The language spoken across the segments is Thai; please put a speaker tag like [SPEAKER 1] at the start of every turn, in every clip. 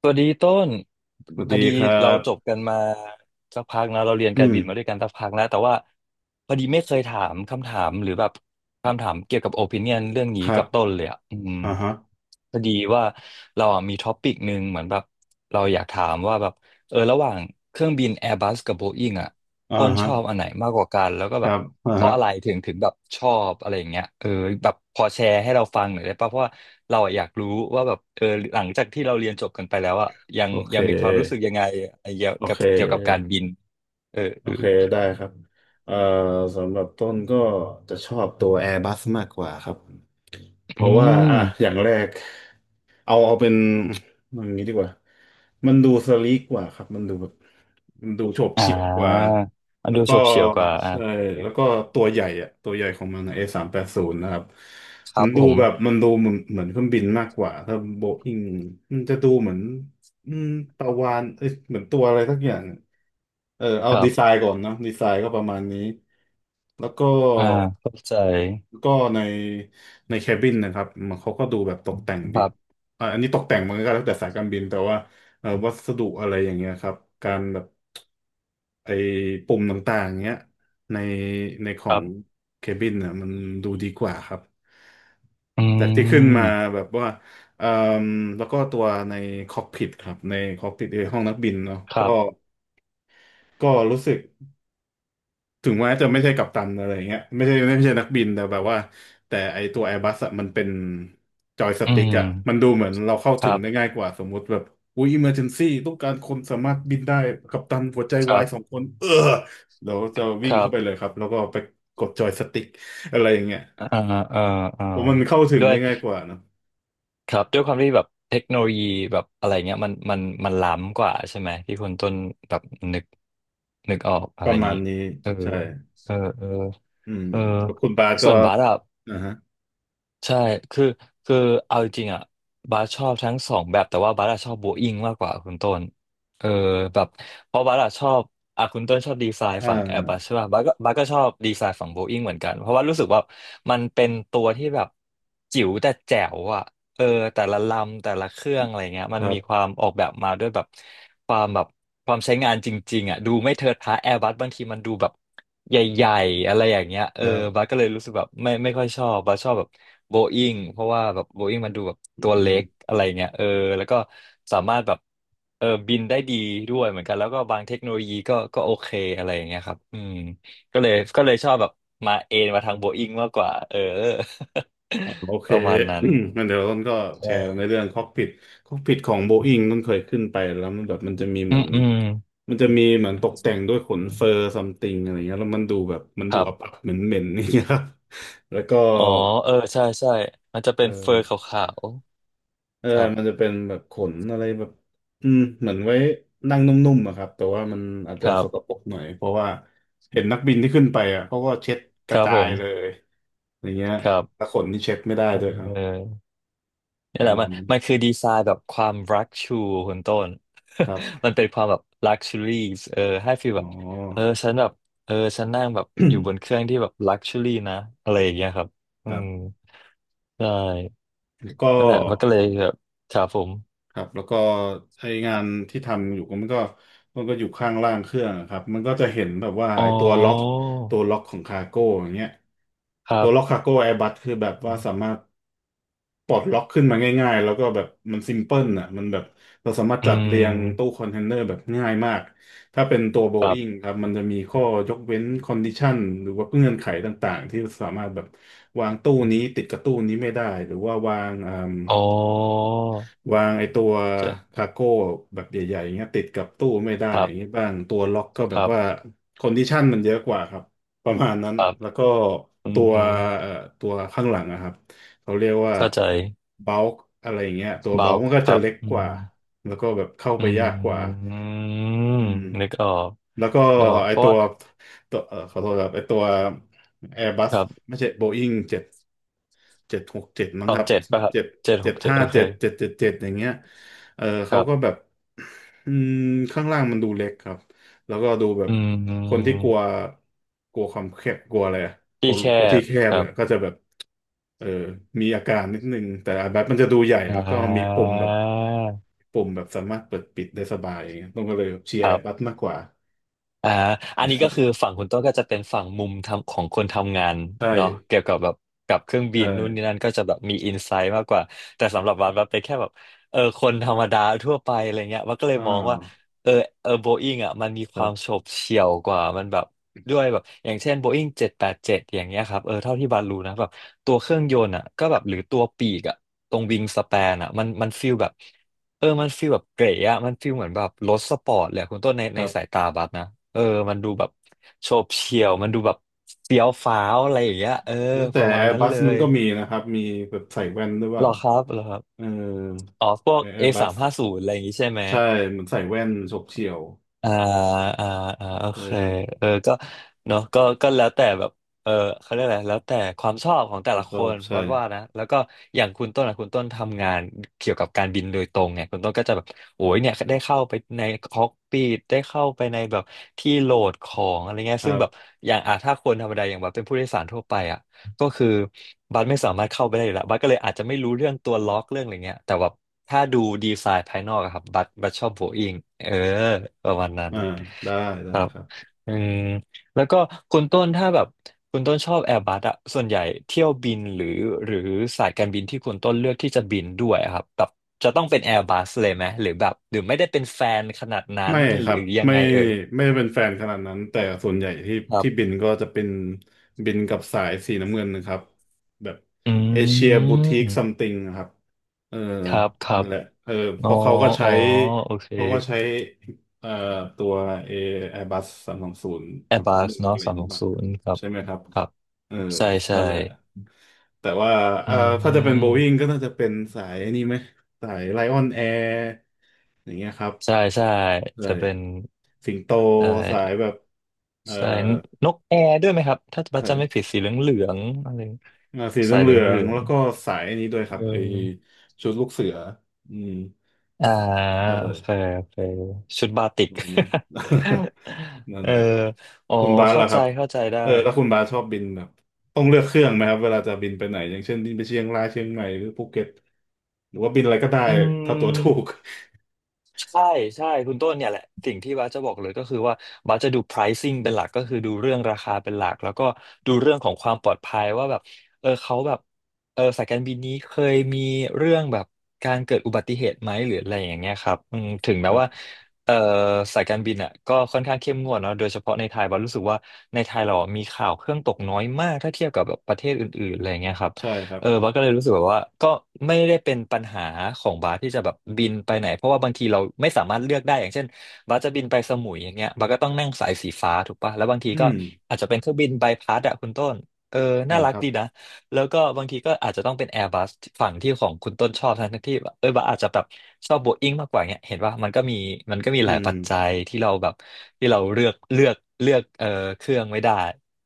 [SPEAKER 1] สวัสดีต้น
[SPEAKER 2] สวัส
[SPEAKER 1] พอ
[SPEAKER 2] ดี
[SPEAKER 1] ดี
[SPEAKER 2] ครั
[SPEAKER 1] เรา
[SPEAKER 2] บ
[SPEAKER 1] จบกันมาสักพักนะเราเรียน
[SPEAKER 2] อื
[SPEAKER 1] การ
[SPEAKER 2] ม
[SPEAKER 1] บินมาด้วยกันสักพักนะแต่ว่าพอดีไม่เคยถามคำถามหรือแบบคำถามเกี่ยวกับโอปิเนียนเรื่องนี้
[SPEAKER 2] ครั
[SPEAKER 1] กั
[SPEAKER 2] บ
[SPEAKER 1] บต้นเลยอ่ะอืม
[SPEAKER 2] อ่าฮะ
[SPEAKER 1] พอดีว่าเราอะมีท็อปิกหนึ่งเหมือนแบบเราอยากถามว่าแบบเออระหว่างเครื่องบิน Airbus กับ Boeing อ่ะ
[SPEAKER 2] อ่า
[SPEAKER 1] ต้นช
[SPEAKER 2] ฮะ
[SPEAKER 1] อบอันไหนมากกว่ากันแล้วก็
[SPEAKER 2] ค
[SPEAKER 1] แบ
[SPEAKER 2] รั
[SPEAKER 1] บ
[SPEAKER 2] บอ่า
[SPEAKER 1] เพราะ
[SPEAKER 2] ฮะ
[SPEAKER 1] อะไรถึงแบบชอบอะไรอย่างเงี้ยเออแบบพอแชร์ให้เราฟังหน่อยได้ป่ะเพราะว่าเราอะอยากรู้ว่าแบบเออหลังจากที่เราเรียนจบกันไปแล้วอะยัง
[SPEAKER 2] โอเค
[SPEAKER 1] ยังมีความรู้สึกยังไงไอ้เกี่ยว
[SPEAKER 2] โอ
[SPEAKER 1] กับ
[SPEAKER 2] เค
[SPEAKER 1] เกี่ยวกับการบินเออ
[SPEAKER 2] โอ
[SPEAKER 1] เออ
[SPEAKER 2] เค ได้ครับเอ่อสำหรับต้นก็จะชอบตัว Airbus มากกว่าครับ เพ
[SPEAKER 1] อื
[SPEAKER 2] ราะว่า อ่ะ
[SPEAKER 1] ม
[SPEAKER 2] อย่างแรก เอาเอาเป็นอย่างนี้ดีกว่ามันดูสลีกกว่าครับ มันดูแบบมันดูโฉบ
[SPEAKER 1] อ่
[SPEAKER 2] เฉี่ยวกว่า
[SPEAKER 1] ามัน
[SPEAKER 2] แล้
[SPEAKER 1] ดู
[SPEAKER 2] วก็
[SPEAKER 1] โฉบเฉี่ยวกว่าอ่า
[SPEAKER 2] ใช่
[SPEAKER 1] โอเค
[SPEAKER 2] แล้วก็ตัวใหญ่อะตัวใหญ่ของมันนะA380นะครับ
[SPEAKER 1] ค
[SPEAKER 2] มั
[SPEAKER 1] รับ
[SPEAKER 2] น
[SPEAKER 1] ผ
[SPEAKER 2] ดู
[SPEAKER 1] ม
[SPEAKER 2] แบบมันดูเหมือนเหมือนเครื่องบินมากกว่าถ้าโบอิงมันจะดูเหมือนอืมปลาวาฬเอ้ยเหมือนตัวอะไรสักอย่างอะเออเอา
[SPEAKER 1] ครั
[SPEAKER 2] ดีไซ
[SPEAKER 1] บ
[SPEAKER 2] น์ก่อนเนอะดีไซน์ก็ประมาณนี้แล้วก็
[SPEAKER 1] อ่าเข้าใจ
[SPEAKER 2] ก็ในในแคบินนะครับมันเขาก็ดูแบบตกแต่ง
[SPEAKER 1] ค
[SPEAKER 2] ดี
[SPEAKER 1] รับ
[SPEAKER 2] อ่าอันนี้ตกแต่งมันก็แล้วแต่สายการบินแต่ว่าวัสดุอะไรอย่างเงี้ยครับการแบบไอ้ปุ่มต่างๆเงี้ยในในขอ
[SPEAKER 1] ครั
[SPEAKER 2] ง
[SPEAKER 1] บ
[SPEAKER 2] เคบินน่ะมันดูดีกว่าครับ
[SPEAKER 1] อื
[SPEAKER 2] จากที่ขึ้นมา
[SPEAKER 1] ม
[SPEAKER 2] แบบว่าเอ่มแล้วก็ตัวในคอกพิทครับในคอกพิทในห้องนักบินเนาะ
[SPEAKER 1] ค
[SPEAKER 2] ก็
[SPEAKER 1] รับ
[SPEAKER 2] ก็รู้สึก ถึงแม้จะไม่ใช่กัปตันอะไรเงี้ยไม่ใช่ไม่ใช่นักบินแต่แบบว่าแต่ไอตัว Airbus อะมันเป็นจอยส
[SPEAKER 1] อื
[SPEAKER 2] ติ๊ก
[SPEAKER 1] ม
[SPEAKER 2] อะมันดูเหมือนเราเข้า
[SPEAKER 1] ค
[SPEAKER 2] ถึง
[SPEAKER 1] รั
[SPEAKER 2] ได้ง่า
[SPEAKER 1] บ
[SPEAKER 2] ยกว่าสมมุติแบบอุ้ย emergency ต้องการคนสามารถบินได้กัปตันหัวใจ
[SPEAKER 1] ค
[SPEAKER 2] วา
[SPEAKER 1] รั
[SPEAKER 2] ยสอง
[SPEAKER 1] บ
[SPEAKER 2] คนเออเราจะ
[SPEAKER 1] ค
[SPEAKER 2] วิ่ง
[SPEAKER 1] รั
[SPEAKER 2] เข้าไปเลย
[SPEAKER 1] บ
[SPEAKER 2] ครับแล้วก็ไปกดจอยสติ๊กอะไรอย่างเงี้ย
[SPEAKER 1] อ่าอ่าอ่า
[SPEAKER 2] เพราะมันเข้าถึงได้ง่ายกว่าเนอะ
[SPEAKER 1] ครับด้วยความที่แบบเทคโนโลยีแบบอะไรเงี้ยมันล้ำกว่าใช่ไหมที่คุณต้นแบบนึกนึกออกอะ
[SPEAKER 2] ป
[SPEAKER 1] ไร
[SPEAKER 2] ระมา
[SPEAKER 1] นี้
[SPEAKER 2] ณนี้
[SPEAKER 1] เออ
[SPEAKER 2] ใช่
[SPEAKER 1] เออเออ
[SPEAKER 2] อืม
[SPEAKER 1] เออ
[SPEAKER 2] แล้วคุณบาสก็
[SPEAKER 1] ส่วนบาสอะ
[SPEAKER 2] นะฮะ
[SPEAKER 1] ใช่คือคือ เอาจริงๆอ่ะบาสชอบทั้งสองแบบ แต่ว่าบาสอะชอบโบอิงมากกว่าคุณต้น เออ แบบ เพราะบาสอะชอบอ่ะคุณต้นชอบดีไซน์
[SPEAKER 2] อ่
[SPEAKER 1] ฝั่งแอร์บัส
[SPEAKER 2] า
[SPEAKER 1] ใช่ป่ะบาสก็ชอบดีไซน์ฝั่งโบอิงเหมือนกัน เพราะว่ารู้สึกว่า มันเป็นตัวที่แบบ จิ๋วแต่แจ๋วอ่ะเออแต่ละลำแต่ละเครื่องอะไรเงี้ย
[SPEAKER 2] ค
[SPEAKER 1] มัน
[SPEAKER 2] รั
[SPEAKER 1] มีควา
[SPEAKER 2] บ
[SPEAKER 1] มออกแบบมาด้วยแบบความแบบ ความใช้งานจริงๆอ่ะดูไม่เทิดทะแอร์บัสบางทีมันดูแบบ ใหญ่ๆอะไรอย่างเงี้ยเอ
[SPEAKER 2] ค
[SPEAKER 1] อ
[SPEAKER 2] รั
[SPEAKER 1] บั
[SPEAKER 2] บ
[SPEAKER 1] สก็เลยรู้สึกแบบไม่ค่อยชอบบัสชอบแบบโบอิงเพราะว่าแบบโบอิงมันดูแบบ
[SPEAKER 2] อื
[SPEAKER 1] ตัว
[SPEAKER 2] ม
[SPEAKER 1] เล็กอะไรเงี้ยเออแล้วก็สามารถแบบเออบินได้ดีด้วยเหมือนกันแล้วก็บางเทคโนโลยีก็โอเคอะไรอย่างเงี้ยครับอืมก็เลยชอบแบบมาเอนมาทางโบอิงมากกว่าเออ
[SPEAKER 2] อ่าโอเค
[SPEAKER 1] ประมาณนั้น
[SPEAKER 2] งั้นเดี๋ยวต้นก็แชร์ใน
[SPEAKER 1] ใช่
[SPEAKER 2] เรื่องคอกพิทคอกพิทของโบอิงต้นเคยขึ้นไปแล้วมันแบบมันจะมีเห
[SPEAKER 1] อื
[SPEAKER 2] มือ
[SPEAKER 1] ม
[SPEAKER 2] น
[SPEAKER 1] อืม
[SPEAKER 2] มันจะมีเหมือนตกแต่งด้วยขนเฟอร์ซัมติงอะไรเงี้ยแล้วมันดูแบบมัน
[SPEAKER 1] ค
[SPEAKER 2] ดู
[SPEAKER 1] รั
[SPEAKER 2] อับ
[SPEAKER 1] บ
[SPEAKER 2] อับเหม็นเหม็นนี่างเงี้ยครับ แล้วก็
[SPEAKER 1] อ๋อเออใช่ใช่มันจะ
[SPEAKER 2] เอ
[SPEAKER 1] เป็นเฟอร์ข
[SPEAKER 2] อ
[SPEAKER 1] าว
[SPEAKER 2] เออ
[SPEAKER 1] ๆครับ
[SPEAKER 2] มันจะเป็นแบบขนอะไรแบบเหมือนไว้นั่งนุ่มๆอะครับแต่ว่ามันอาจ
[SPEAKER 1] ค
[SPEAKER 2] จะ
[SPEAKER 1] รั
[SPEAKER 2] สก
[SPEAKER 1] บ
[SPEAKER 2] ปรกหน่อยเพราะว่าเห็นนักบินที่ขึ้นไปอ่ะเขาก็เช็ดก
[SPEAKER 1] ค
[SPEAKER 2] ระ
[SPEAKER 1] รับ
[SPEAKER 2] จา
[SPEAKER 1] ผ
[SPEAKER 2] ย
[SPEAKER 1] ม
[SPEAKER 2] เลยอย่างเงี้ย
[SPEAKER 1] ครับ
[SPEAKER 2] แต่ขนนี่เช็ดไม่ได้ด้วยเอา
[SPEAKER 1] เออ นี่
[SPEAKER 2] ป
[SPEAKER 1] แห
[SPEAKER 2] ระ
[SPEAKER 1] ละ
[SPEAKER 2] มา
[SPEAKER 1] มั
[SPEAKER 2] ณ
[SPEAKER 1] น
[SPEAKER 2] นี้
[SPEAKER 1] มันคือดีไซน์แบบความรักชูคุณต้น
[SPEAKER 2] ครับ
[SPEAKER 1] มันเป็นความแบบลักชัวรี่เออให้ฟีล
[SPEAKER 2] อ๋
[SPEAKER 1] แบ
[SPEAKER 2] อ
[SPEAKER 1] บเออฉันแบบเออฉันนั่ง แบบอยู่บนเค รื่องที่แบบลักชัวรี่นะอะไรอย่างเงี้ยครับอื
[SPEAKER 2] ครับ
[SPEAKER 1] มใช่
[SPEAKER 2] ก็
[SPEAKER 1] นั่นแหละมันก็เลยแบบครับผม
[SPEAKER 2] ครับแล้วก็ไองานที่ทำอยู่ก็มันก็มันก็อยู่ข้างล่างเครื่องอะครับมันก็จะเห็นแบบว่า
[SPEAKER 1] อ๋
[SPEAKER 2] ไอตัวล็อก
[SPEAKER 1] อ
[SPEAKER 2] ตัวล็อกของคาร์โก้อย่างเงี้ย
[SPEAKER 1] ครั
[SPEAKER 2] ตัวล็อก
[SPEAKER 1] บ
[SPEAKER 2] คาร์โก้แอร์บัสคือแบบว่าสามารถปลดล็อกขึ้นมาง่ายๆแล้วก็แบบมันซิมเพิลอ่ะมันแบบเราสามารถ
[SPEAKER 1] อื
[SPEAKER 2] จัดเรียงตู้
[SPEAKER 1] ม
[SPEAKER 2] คอนเทนเนอร์แบบง่ายมากถ้าเป็นตัวโบ
[SPEAKER 1] ครั
[SPEAKER 2] อิ n ง
[SPEAKER 1] บ
[SPEAKER 2] ครับมันจะมีข้อยกเว้นคอนดิชันหรือว่าเงื่อนไขต่างๆที่สามารถแบบวางตู้นี้ติดกับตู้นี้ไม่ได้หรือว่าวาง
[SPEAKER 1] อ๋อ
[SPEAKER 2] วางไอ้ตัว
[SPEAKER 1] จะ
[SPEAKER 2] คาร์โก้แบบใหญ่ๆอย่างเงี้ยติดกับตู้ไม่ได้
[SPEAKER 1] ครั
[SPEAKER 2] อย่างเงี้ย
[SPEAKER 1] บ
[SPEAKER 2] บ้างตัวล็อกก็แบ
[SPEAKER 1] ค
[SPEAKER 2] บ
[SPEAKER 1] รับ
[SPEAKER 2] ว่าคอนดิชันมันเยอะกว่าครับประมาณนั้น
[SPEAKER 1] ครับ
[SPEAKER 2] แล้วก็
[SPEAKER 1] อื
[SPEAKER 2] ตัว
[SPEAKER 1] ม
[SPEAKER 2] เอ่อตัวข้างหลังนะครับเขาเรียกว่า
[SPEAKER 1] เข้าใจ
[SPEAKER 2] เบล k อะไรอย่างเงี้ยตัวเบ
[SPEAKER 1] เบา
[SPEAKER 2] ล k มั
[SPEAKER 1] ค
[SPEAKER 2] นก็จะ
[SPEAKER 1] รับ
[SPEAKER 2] เล็ก
[SPEAKER 1] อื
[SPEAKER 2] กว่า
[SPEAKER 1] ม
[SPEAKER 2] แล้วก็แบบเข้า
[SPEAKER 1] อื
[SPEAKER 2] ไปยากกว่า
[SPEAKER 1] ม
[SPEAKER 2] อืม
[SPEAKER 1] นึกออก
[SPEAKER 2] แล้วก็
[SPEAKER 1] นึกออก
[SPEAKER 2] ไอ
[SPEAKER 1] เพราะ
[SPEAKER 2] ตั
[SPEAKER 1] ว่า
[SPEAKER 2] วตัวขอโทษครับไอตัว
[SPEAKER 1] ค
[SPEAKER 2] Airbus
[SPEAKER 1] รับ
[SPEAKER 2] ไม่ใช่ Boeing เจ็ด767มั้
[SPEAKER 1] ต
[SPEAKER 2] ง
[SPEAKER 1] อ
[SPEAKER 2] ค
[SPEAKER 1] ง
[SPEAKER 2] รับ
[SPEAKER 1] เจ็ดป่ะครับ
[SPEAKER 2] เจ็ด
[SPEAKER 1] เจ็ดห
[SPEAKER 2] เจ็ด
[SPEAKER 1] กเจ็ด
[SPEAKER 2] ห้า
[SPEAKER 1] โอเค
[SPEAKER 2] เจ็ดเจ็ดเจ็ดเจ็ดอย่างเงี้ยเออ
[SPEAKER 1] ค
[SPEAKER 2] เขา
[SPEAKER 1] รั
[SPEAKER 2] ก็แบบ
[SPEAKER 1] บ
[SPEAKER 2] อืมข้างล่างมันดูเล็กครับแล้วก็ดูแบบ
[SPEAKER 1] อื
[SPEAKER 2] คนที่
[SPEAKER 1] ม
[SPEAKER 2] กลัวกลัวความแคบกลัวอะไรอะกลั
[SPEAKER 1] ที่
[SPEAKER 2] ว
[SPEAKER 1] แค
[SPEAKER 2] กลัวที่
[SPEAKER 1] บ
[SPEAKER 2] แคบ
[SPEAKER 1] ครั
[SPEAKER 2] เนี่
[SPEAKER 1] บ
[SPEAKER 2] ยก็จะแบบเออมีอาการนิดนึงแต่อาบบมันจะดูใหญ่
[SPEAKER 1] อ่
[SPEAKER 2] แล้วก็มีปุ่
[SPEAKER 1] า
[SPEAKER 2] มแบบ ปุ่มแบบสามารถเปิดปิดได้สบาย ต้องก็เลยเชีย
[SPEAKER 1] ค
[SPEAKER 2] ร์
[SPEAKER 1] รั
[SPEAKER 2] Airbus
[SPEAKER 1] บ
[SPEAKER 2] มากกว่า
[SPEAKER 1] อ่าอันนี้ก็คือฝั่งคุณต้นก็จะเป็นฝั่งมุมทำของคนทำงาน
[SPEAKER 2] ใช่
[SPEAKER 1] เนาะเกี่ยวกับแบบกับเครื่องบิ
[SPEAKER 2] ใช่
[SPEAKER 1] นนู่นนี่นั่นก็จะแบบมีอินไซต์มากกว่าแต่สำหรับวัดเป็นแค่แบบเออคนธรรมดาทั่วไปอะไรเงี้ยวัดก็เล
[SPEAKER 2] อ่
[SPEAKER 1] ยมองว่า
[SPEAKER 2] า
[SPEAKER 1] เออเออโบอิงอ่ะมันมี
[SPEAKER 2] ค
[SPEAKER 1] ค
[SPEAKER 2] รั
[SPEAKER 1] วาม
[SPEAKER 2] บ
[SPEAKER 1] โฉบเฉี่ยวกว่ามันแบบด้วยแบบอย่างเช่นโบอิง787อย่างเงี้ยครับเออเท่าที่บัดรู้นะแบบตัวเครื่องยนต์อ่ะก็แบบหรือตัวปีกอ่ะตรงวิงสแปนอ่ะมันมันฟีลแบบ เออมันฟีลแบบเก๋อะมันฟีลเหมือนแบบรถสปอร์ตเลยอะคุณต้นใน
[SPEAKER 2] ค
[SPEAKER 1] ใน
[SPEAKER 2] รั
[SPEAKER 1] สาย
[SPEAKER 2] บ
[SPEAKER 1] ตาบัสนะเออมันดูแบบโฉบเฉี่ยว มันดูแบบเฟี้ยวฟ้าวอะไรอย่างเงี้ยเออ
[SPEAKER 2] เอ๊ะ
[SPEAKER 1] ป
[SPEAKER 2] แต่
[SPEAKER 1] ระมาณนั้น
[SPEAKER 2] Airbus
[SPEAKER 1] เล
[SPEAKER 2] มัน
[SPEAKER 1] ย
[SPEAKER 2] ก็มีนะครับ มีแบบใส่แว่นด้วยเป
[SPEAKER 1] ห
[SPEAKER 2] ล่า
[SPEAKER 1] รอครับหรอครับ
[SPEAKER 2] เออ
[SPEAKER 1] อ๋อพวก A สาม
[SPEAKER 2] Airbus
[SPEAKER 1] ห้าศูนย์อะไรอย่างงี้ใช่ไหม
[SPEAKER 2] ใช่เหมือนใส่แว่นฉกเฉี่ยว
[SPEAKER 1] อ่าอ่าอ่าโอ
[SPEAKER 2] ใช่
[SPEAKER 1] เค
[SPEAKER 2] ครับ
[SPEAKER 1] เออก็เนาะก็ก็แล้วแต่แบบเออเขาเรียกอะไรแล้วแต่ความชอบของ
[SPEAKER 2] ผ
[SPEAKER 1] แต่
[SPEAKER 2] ม
[SPEAKER 1] ละ
[SPEAKER 2] ช
[SPEAKER 1] ค
[SPEAKER 2] อบ
[SPEAKER 1] น
[SPEAKER 2] ใช่
[SPEAKER 1] วัดว่านะแล้วก็อย่างคุณต้นอะคุณต้นทำงานเกี่ยวกับการบินโดยตรงไงคุณต้นก็จะแบบโอ้ยเนี่ยได้เข้าไปในคอกปีดได้เข้าไปในแบบที่โหลดของอะไรเงี้ย
[SPEAKER 2] ครั
[SPEAKER 1] ซึ่งแบบ
[SPEAKER 2] บ
[SPEAKER 1] อย่างอ่ะถ้าคนธรรมดาอย่างแบบเป็นผู้โดยสารทั่วไปอะ ก็คือบัสไม่สามารถเข้าไปได้อยู่แล้วบัสก็เลยอาจจะไม่รู้เรื่องตัวล็อกเรื่องอะไรเงี้ยแต่แบบถ้าดูดีไซน์ภายนอกอะครับบัสชอบโบอิงเออประมาณนั้น
[SPEAKER 2] อ่าได้ ได้
[SPEAKER 1] ครับ
[SPEAKER 2] ครับ
[SPEAKER 1] อืมแล้วก็คุณต้นถ้าแบบคุณต้นชอบแอร์บัสอะส่วนใหญ่เที่ยวบินหรือสายการบินที่คุณต้นเลือกที่จะบินด้วยอะครับแบบจะต้องเป็นแอร์บัสเลยไหมหรือแบบหรือไม่ได้เป็นแฟนขนาดนั้
[SPEAKER 2] ไม่
[SPEAKER 1] น
[SPEAKER 2] ค
[SPEAKER 1] หรื
[SPEAKER 2] รับ
[SPEAKER 1] อยัง
[SPEAKER 2] ไม่
[SPEAKER 1] ไงเอ่ย
[SPEAKER 2] ไม่ได้เป็นแฟนขนาดนั้นแต่ส่วนใหญ่ที่
[SPEAKER 1] ครั
[SPEAKER 2] ที่บิ
[SPEAKER 1] บ
[SPEAKER 2] นก็จะเป็นบินกับสายสีน้ำเงินนะครับแบบ
[SPEAKER 1] อ
[SPEAKER 2] เอเชี
[SPEAKER 1] ื
[SPEAKER 2] ยบูติก
[SPEAKER 1] ม
[SPEAKER 2] ซัมติงครับเออ
[SPEAKER 1] ครับครั
[SPEAKER 2] นั่
[SPEAKER 1] บ
[SPEAKER 2] นแหละเออเพ
[SPEAKER 1] อ๋อ
[SPEAKER 2] ราะเขาก็
[SPEAKER 1] อ๋
[SPEAKER 2] ใช้
[SPEAKER 1] อโอเค
[SPEAKER 2] เขาก็ใช้เอ่อตัวเอแอร์บัส320
[SPEAKER 1] a i r
[SPEAKER 2] สามส
[SPEAKER 1] b
[SPEAKER 2] อง
[SPEAKER 1] u
[SPEAKER 2] หนึ่
[SPEAKER 1] ส
[SPEAKER 2] งอะ
[SPEAKER 1] เนาะ
[SPEAKER 2] ไรอ
[SPEAKER 1] สา
[SPEAKER 2] ย่า
[SPEAKER 1] ม
[SPEAKER 2] ง
[SPEAKER 1] ห
[SPEAKER 2] นี้
[SPEAKER 1] ก
[SPEAKER 2] ป่ะ
[SPEAKER 1] ศูนย์ครับ
[SPEAKER 2] ใช่ไหมครับ
[SPEAKER 1] ครับ
[SPEAKER 2] เออ
[SPEAKER 1] ใช่ใช่
[SPEAKER 2] นั่นแหละแต่ว่า
[SPEAKER 1] อื
[SPEAKER 2] เอ่อถ้าจะเป็นโบอิ n งก็
[SPEAKER 1] ม
[SPEAKER 2] น่าจะเป็นสายนี่ไหมสายไลออนแอร์อย่างเงี้ยครับ
[SPEAKER 1] ใช่ใช่
[SPEAKER 2] เล
[SPEAKER 1] จะ
[SPEAKER 2] ย
[SPEAKER 1] เป็น
[SPEAKER 2] สิงโต
[SPEAKER 1] ใช่
[SPEAKER 2] สายแบบเอ่อ
[SPEAKER 1] ใช่นนกแอร์ด้วยไหมครับถ้าบัส
[SPEAKER 2] สา
[SPEAKER 1] จำไม่ผิดสี
[SPEAKER 2] ย
[SPEAKER 1] เหลืองเหลืองอะไร
[SPEAKER 2] ราศีเ
[SPEAKER 1] สายเห
[SPEAKER 2] หลื
[SPEAKER 1] ลือง
[SPEAKER 2] อ
[SPEAKER 1] เห
[SPEAKER 2] ง
[SPEAKER 1] ลือ
[SPEAKER 2] ๆ
[SPEAKER 1] ง
[SPEAKER 2] แล้วก็สายอันนี้ด้วยค
[SPEAKER 1] เ
[SPEAKER 2] รับไอ
[SPEAKER 1] ออ
[SPEAKER 2] ชุดลูกเสืออืม
[SPEAKER 1] อ่า
[SPEAKER 2] ได้
[SPEAKER 1] โอ
[SPEAKER 2] เลย
[SPEAKER 1] เคโอเคชุดบาติก
[SPEAKER 2] ดูนะ นั่ น
[SPEAKER 1] เอ อ
[SPEAKER 2] แหละ
[SPEAKER 1] อ๋อ
[SPEAKER 2] คุณบาส
[SPEAKER 1] เข้า
[SPEAKER 2] ล่ะค
[SPEAKER 1] ใจ
[SPEAKER 2] รับ
[SPEAKER 1] เข้าใจได้
[SPEAKER 2] เออแล้วคุณบาสชอบบินแบบต้องเลือกเครื่องไหมครับเวลาจะบินไปไหนอย่างเช่นบินไปเชียงรายเชียงใหม่หรือภูเก็ตหรือว่าบินอะไรก็ได้
[SPEAKER 1] อื
[SPEAKER 2] ถ้าตั๋วถูก
[SPEAKER 1] ม ใช่ใช่คุณต้นเนี่ยแหละสิ่งที่บ้าสจะบอกเลยก็คือว่าบ้าสจะดู pricing เป็นหลักก็คือดูเรื่องราคาเป็นหลักแล้วก็ดูเรื่องของความปลอดภัยว่าแบบเออเขาแบบเออสายการบินนี้เคยมีเรื่องแบบการเกิดอุบัติเหตุไหมหรืออะไรอย่างเงี้ยครับอืมถึง
[SPEAKER 2] ค
[SPEAKER 1] แม้
[SPEAKER 2] รั
[SPEAKER 1] ว่า
[SPEAKER 2] บ
[SPEAKER 1] เออสายการบินอ่ะก็ค่อนข้างเข้มงวดเนาะโดยเฉพาะในไทยบ้าสรู้สึกว่าในไทยเรามีข่าวเครื่องตกน้อยมากถ้าเทียบกับแบบประเทศอื่นๆอะไรอย่างเงี้ยครับ
[SPEAKER 2] ใช่ครับ
[SPEAKER 1] เออบัสก็เลยรู้สึกแบบว่าก็ไม่ได้เป็นปัญหาของบัสที่จะแบบบินไปไหนเพราะว่าบางทีเราไม่สามารถเลือกได้อย่างเช่นบัสจะบินไปสมุยอย่างเงี้ยบัสก็ต้องนั่งสายสีฟ้าถูกปะแล้วบางที
[SPEAKER 2] อื
[SPEAKER 1] ก็
[SPEAKER 2] ม
[SPEAKER 1] อาจจะเป็นเครื่องบินใบพัดอะคุณต้นเออ
[SPEAKER 2] ใช่
[SPEAKER 1] น่ารั
[SPEAKER 2] ค
[SPEAKER 1] ก
[SPEAKER 2] รับ
[SPEAKER 1] ดีนะแล้วก็บางทีก็อาจจะต้องเป็นแอร์บัสฝั่งที่ของคุณต้นชอบทั้งที่แบบเออบัสอาจจะแบบชอบโบอิ้งมากกว่าเงี้ยเห็นว่ามันก็มี
[SPEAKER 2] อื
[SPEAKER 1] หลาย
[SPEAKER 2] ม
[SPEAKER 1] ปัจจัยที่เราแบบที่เราเลือกเออเครื่องไม่ได้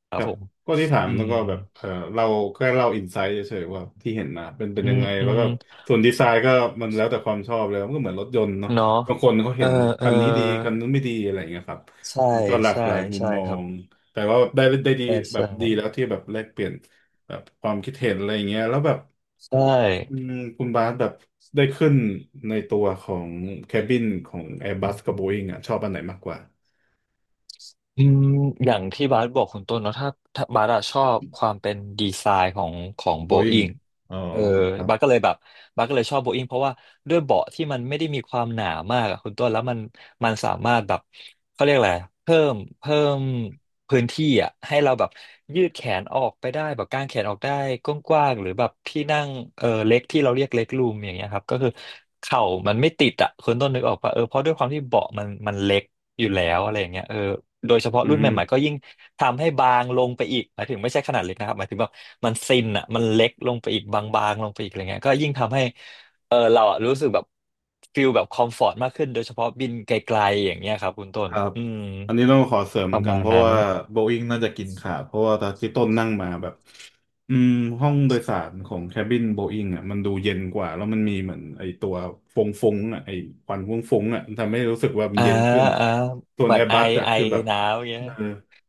[SPEAKER 1] ค
[SPEAKER 2] ค
[SPEAKER 1] รับ
[SPEAKER 2] รับ
[SPEAKER 1] ผม
[SPEAKER 2] ก็ที่ถาม
[SPEAKER 1] อื
[SPEAKER 2] แล้
[SPEAKER 1] ม
[SPEAKER 2] วก็แบบเออเราแค่เล่าอินไซต์เฉยๆว่าที่เห็นนะเป็นเป็น
[SPEAKER 1] อื
[SPEAKER 2] ยัง
[SPEAKER 1] ม
[SPEAKER 2] ไง
[SPEAKER 1] อื
[SPEAKER 2] แล้ว
[SPEAKER 1] ม
[SPEAKER 2] ก็ส่วนดีไซน์ก็มันแล้วแต่ความชอบเลยมันก็เหมือนรถยนต์เนาะ
[SPEAKER 1] เนาะ
[SPEAKER 2] บางคนเขา
[SPEAKER 1] เอ
[SPEAKER 2] เห็
[SPEAKER 1] อ
[SPEAKER 2] น
[SPEAKER 1] เอ
[SPEAKER 2] คั
[SPEAKER 1] อ
[SPEAKER 2] นนี้ดีคันนู้นไม่ดีอะไรอย่างเงี้ยครับ
[SPEAKER 1] ใช่
[SPEAKER 2] มันก็หลาก
[SPEAKER 1] ใช่
[SPEAKER 2] หลายมุม
[SPEAKER 1] ใช่
[SPEAKER 2] มอ
[SPEAKER 1] ครับ
[SPEAKER 2] งแต่ว่าได้ได้ดี
[SPEAKER 1] ใช่
[SPEAKER 2] แบบ
[SPEAKER 1] ใช่
[SPEAKER 2] ดีแล้วที่แบบแลกเปลี่ยนแบบความคิดเห็นอะไรอย่างเงี้ยแล้วแบบ
[SPEAKER 1] ใช่
[SPEAKER 2] อืมคุณบาสแบบได้ขึ้นในตัวของแคบินของ Airbus กับ Boeing อ่ะชอบอันไหนมากกว่า
[SPEAKER 1] อืมอย่างที่บาสบอกคุณต้นเนาะถ้าบาสอะชอบความเป็นดีไซน์ของโบอิ
[SPEAKER 2] Boeing
[SPEAKER 1] ง
[SPEAKER 2] อ๋อ
[SPEAKER 1] เออ
[SPEAKER 2] ครั
[SPEAKER 1] บาสก็
[SPEAKER 2] บ
[SPEAKER 1] เลยแบบบาสก็เลยชอบโบอิงเพราะว่าด้วยเบาะที่มันไม่ได้มีความหนามากอะคุณต้นแล้วมันสามารถแบบเขาเรียกอะไรเพิ่มพื้นที่อะให้เราแบบยืดแขนออกไปได้แบบกางแขนออกได้กว้างๆหรือแบบที่นั่งเออเล็กที่เราเรียกเล็กรูมอย่างเงี้ยครับก็คือเข่ามันไม่ติดอะคุณต้นนึกออกปะเออเพราะด้วยความที่เบาะมันเล็ก อยู่แล้วอะไรอย่างเงี้ยเออโดยเฉพาะ
[SPEAKER 2] อื
[SPEAKER 1] รุ่น
[SPEAKER 2] ม
[SPEAKER 1] ใหม่ๆก็ยิ่งทำให้บางลงไปอีกหมายถึงไม่ใช่ขนาดเล็กนะครับหมายถึงแบบมันซินอ่ะมันเล็กลงไปอีกบางๆลงไปอีกอะไรเงี้ยก็ยิ่งทำให้เออเราอะรู้สึกแบบฟิลแบบคอมฟอร์ตมากขึ้นโดยเฉพาะบินไกลๆอย่างเงี้ยครับคุณต้
[SPEAKER 2] ค
[SPEAKER 1] น
[SPEAKER 2] รับ
[SPEAKER 1] อืม
[SPEAKER 2] อันนี้ต้องขอเสริม
[SPEAKER 1] ป
[SPEAKER 2] เหมือ
[SPEAKER 1] ระ
[SPEAKER 2] นกัน
[SPEAKER 1] มาณ
[SPEAKER 2] เพราะ
[SPEAKER 1] นั้น
[SPEAKER 2] ว่าโบอิ n งน่าจะกินขาดเพราะว่าตอนที่ต้นนั่งมาแบบอืมห้องโดยสารของแคบินโบอิ n งอ่ะมันดูเย็นกว่าแล้วมันมีเหมือนไอตัวฟงฟงอ่ะไอควันฟงฟงอ่ะมันทำให้รู้สึกว่ามัน
[SPEAKER 1] อ่า
[SPEAKER 2] เย็นขึ้น
[SPEAKER 1] อ่า
[SPEAKER 2] ส่ว
[SPEAKER 1] เห
[SPEAKER 2] น
[SPEAKER 1] มื
[SPEAKER 2] แอ
[SPEAKER 1] อน
[SPEAKER 2] ร์
[SPEAKER 1] ไอ
[SPEAKER 2] บัสอ่ะ
[SPEAKER 1] ไอ
[SPEAKER 2] คือแบบ
[SPEAKER 1] หนาวอย่างเงี้ย
[SPEAKER 2] เออ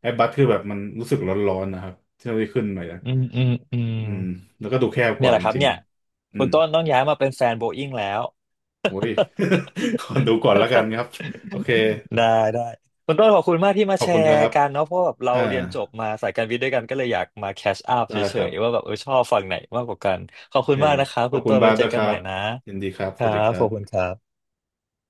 [SPEAKER 2] แอร์บัสคือแบบมันรู้สึกร้อนๆนะครับเที่ยวที่ขึ้นไปนะ
[SPEAKER 1] อืมอืมอืม
[SPEAKER 2] อืมแล้วก็ดูแคบก
[SPEAKER 1] เนี่ย
[SPEAKER 2] ว่า
[SPEAKER 1] แห
[SPEAKER 2] จ
[SPEAKER 1] ละครับ
[SPEAKER 2] ริง
[SPEAKER 1] เนี่ย
[SPEAKER 2] ๆอื
[SPEAKER 1] คุณ
[SPEAKER 2] ม
[SPEAKER 1] ต้นต้องย้ายมาเป็นแฟนโบอิ้งแล้ว
[SPEAKER 2] โอ้ย ขอดูก่อ นละกันครับโอเค
[SPEAKER 1] ได้ได้คุณต้นขอบคุณมากที่มา
[SPEAKER 2] ขอบ
[SPEAKER 1] แช
[SPEAKER 2] คุณค
[SPEAKER 1] ร์
[SPEAKER 2] รับ
[SPEAKER 1] กันเนาะเพราะแบบเรา
[SPEAKER 2] อ่า
[SPEAKER 1] เรียนจบมาสายการวิทย์ด้วยกันก็เลยอยากมาแคชอัพ
[SPEAKER 2] ได้
[SPEAKER 1] เฉ
[SPEAKER 2] ครั
[SPEAKER 1] ย
[SPEAKER 2] บ
[SPEAKER 1] ๆว่าแบบเออชอบฝั่งไหนมากกว่ากันขอ
[SPEAKER 2] โอ
[SPEAKER 1] บคุ
[SPEAKER 2] เค
[SPEAKER 1] ณมากนะคะ
[SPEAKER 2] ขอ
[SPEAKER 1] คุ
[SPEAKER 2] บ
[SPEAKER 1] ณ
[SPEAKER 2] คุณ
[SPEAKER 1] ต้น
[SPEAKER 2] บา
[SPEAKER 1] ไว้
[SPEAKER 2] ส
[SPEAKER 1] เจ
[SPEAKER 2] ด้
[SPEAKER 1] อ
[SPEAKER 2] วยค
[SPEAKER 1] กัน
[SPEAKER 2] รั
[SPEAKER 1] ใหม่
[SPEAKER 2] บ
[SPEAKER 1] นะ
[SPEAKER 2] ยินดีครับ
[SPEAKER 1] ค
[SPEAKER 2] ส
[SPEAKER 1] รั
[SPEAKER 2] วัสดี
[SPEAKER 1] บ
[SPEAKER 2] ค
[SPEAKER 1] ข
[SPEAKER 2] รั
[SPEAKER 1] อบคุณ
[SPEAKER 2] บ
[SPEAKER 1] ครับ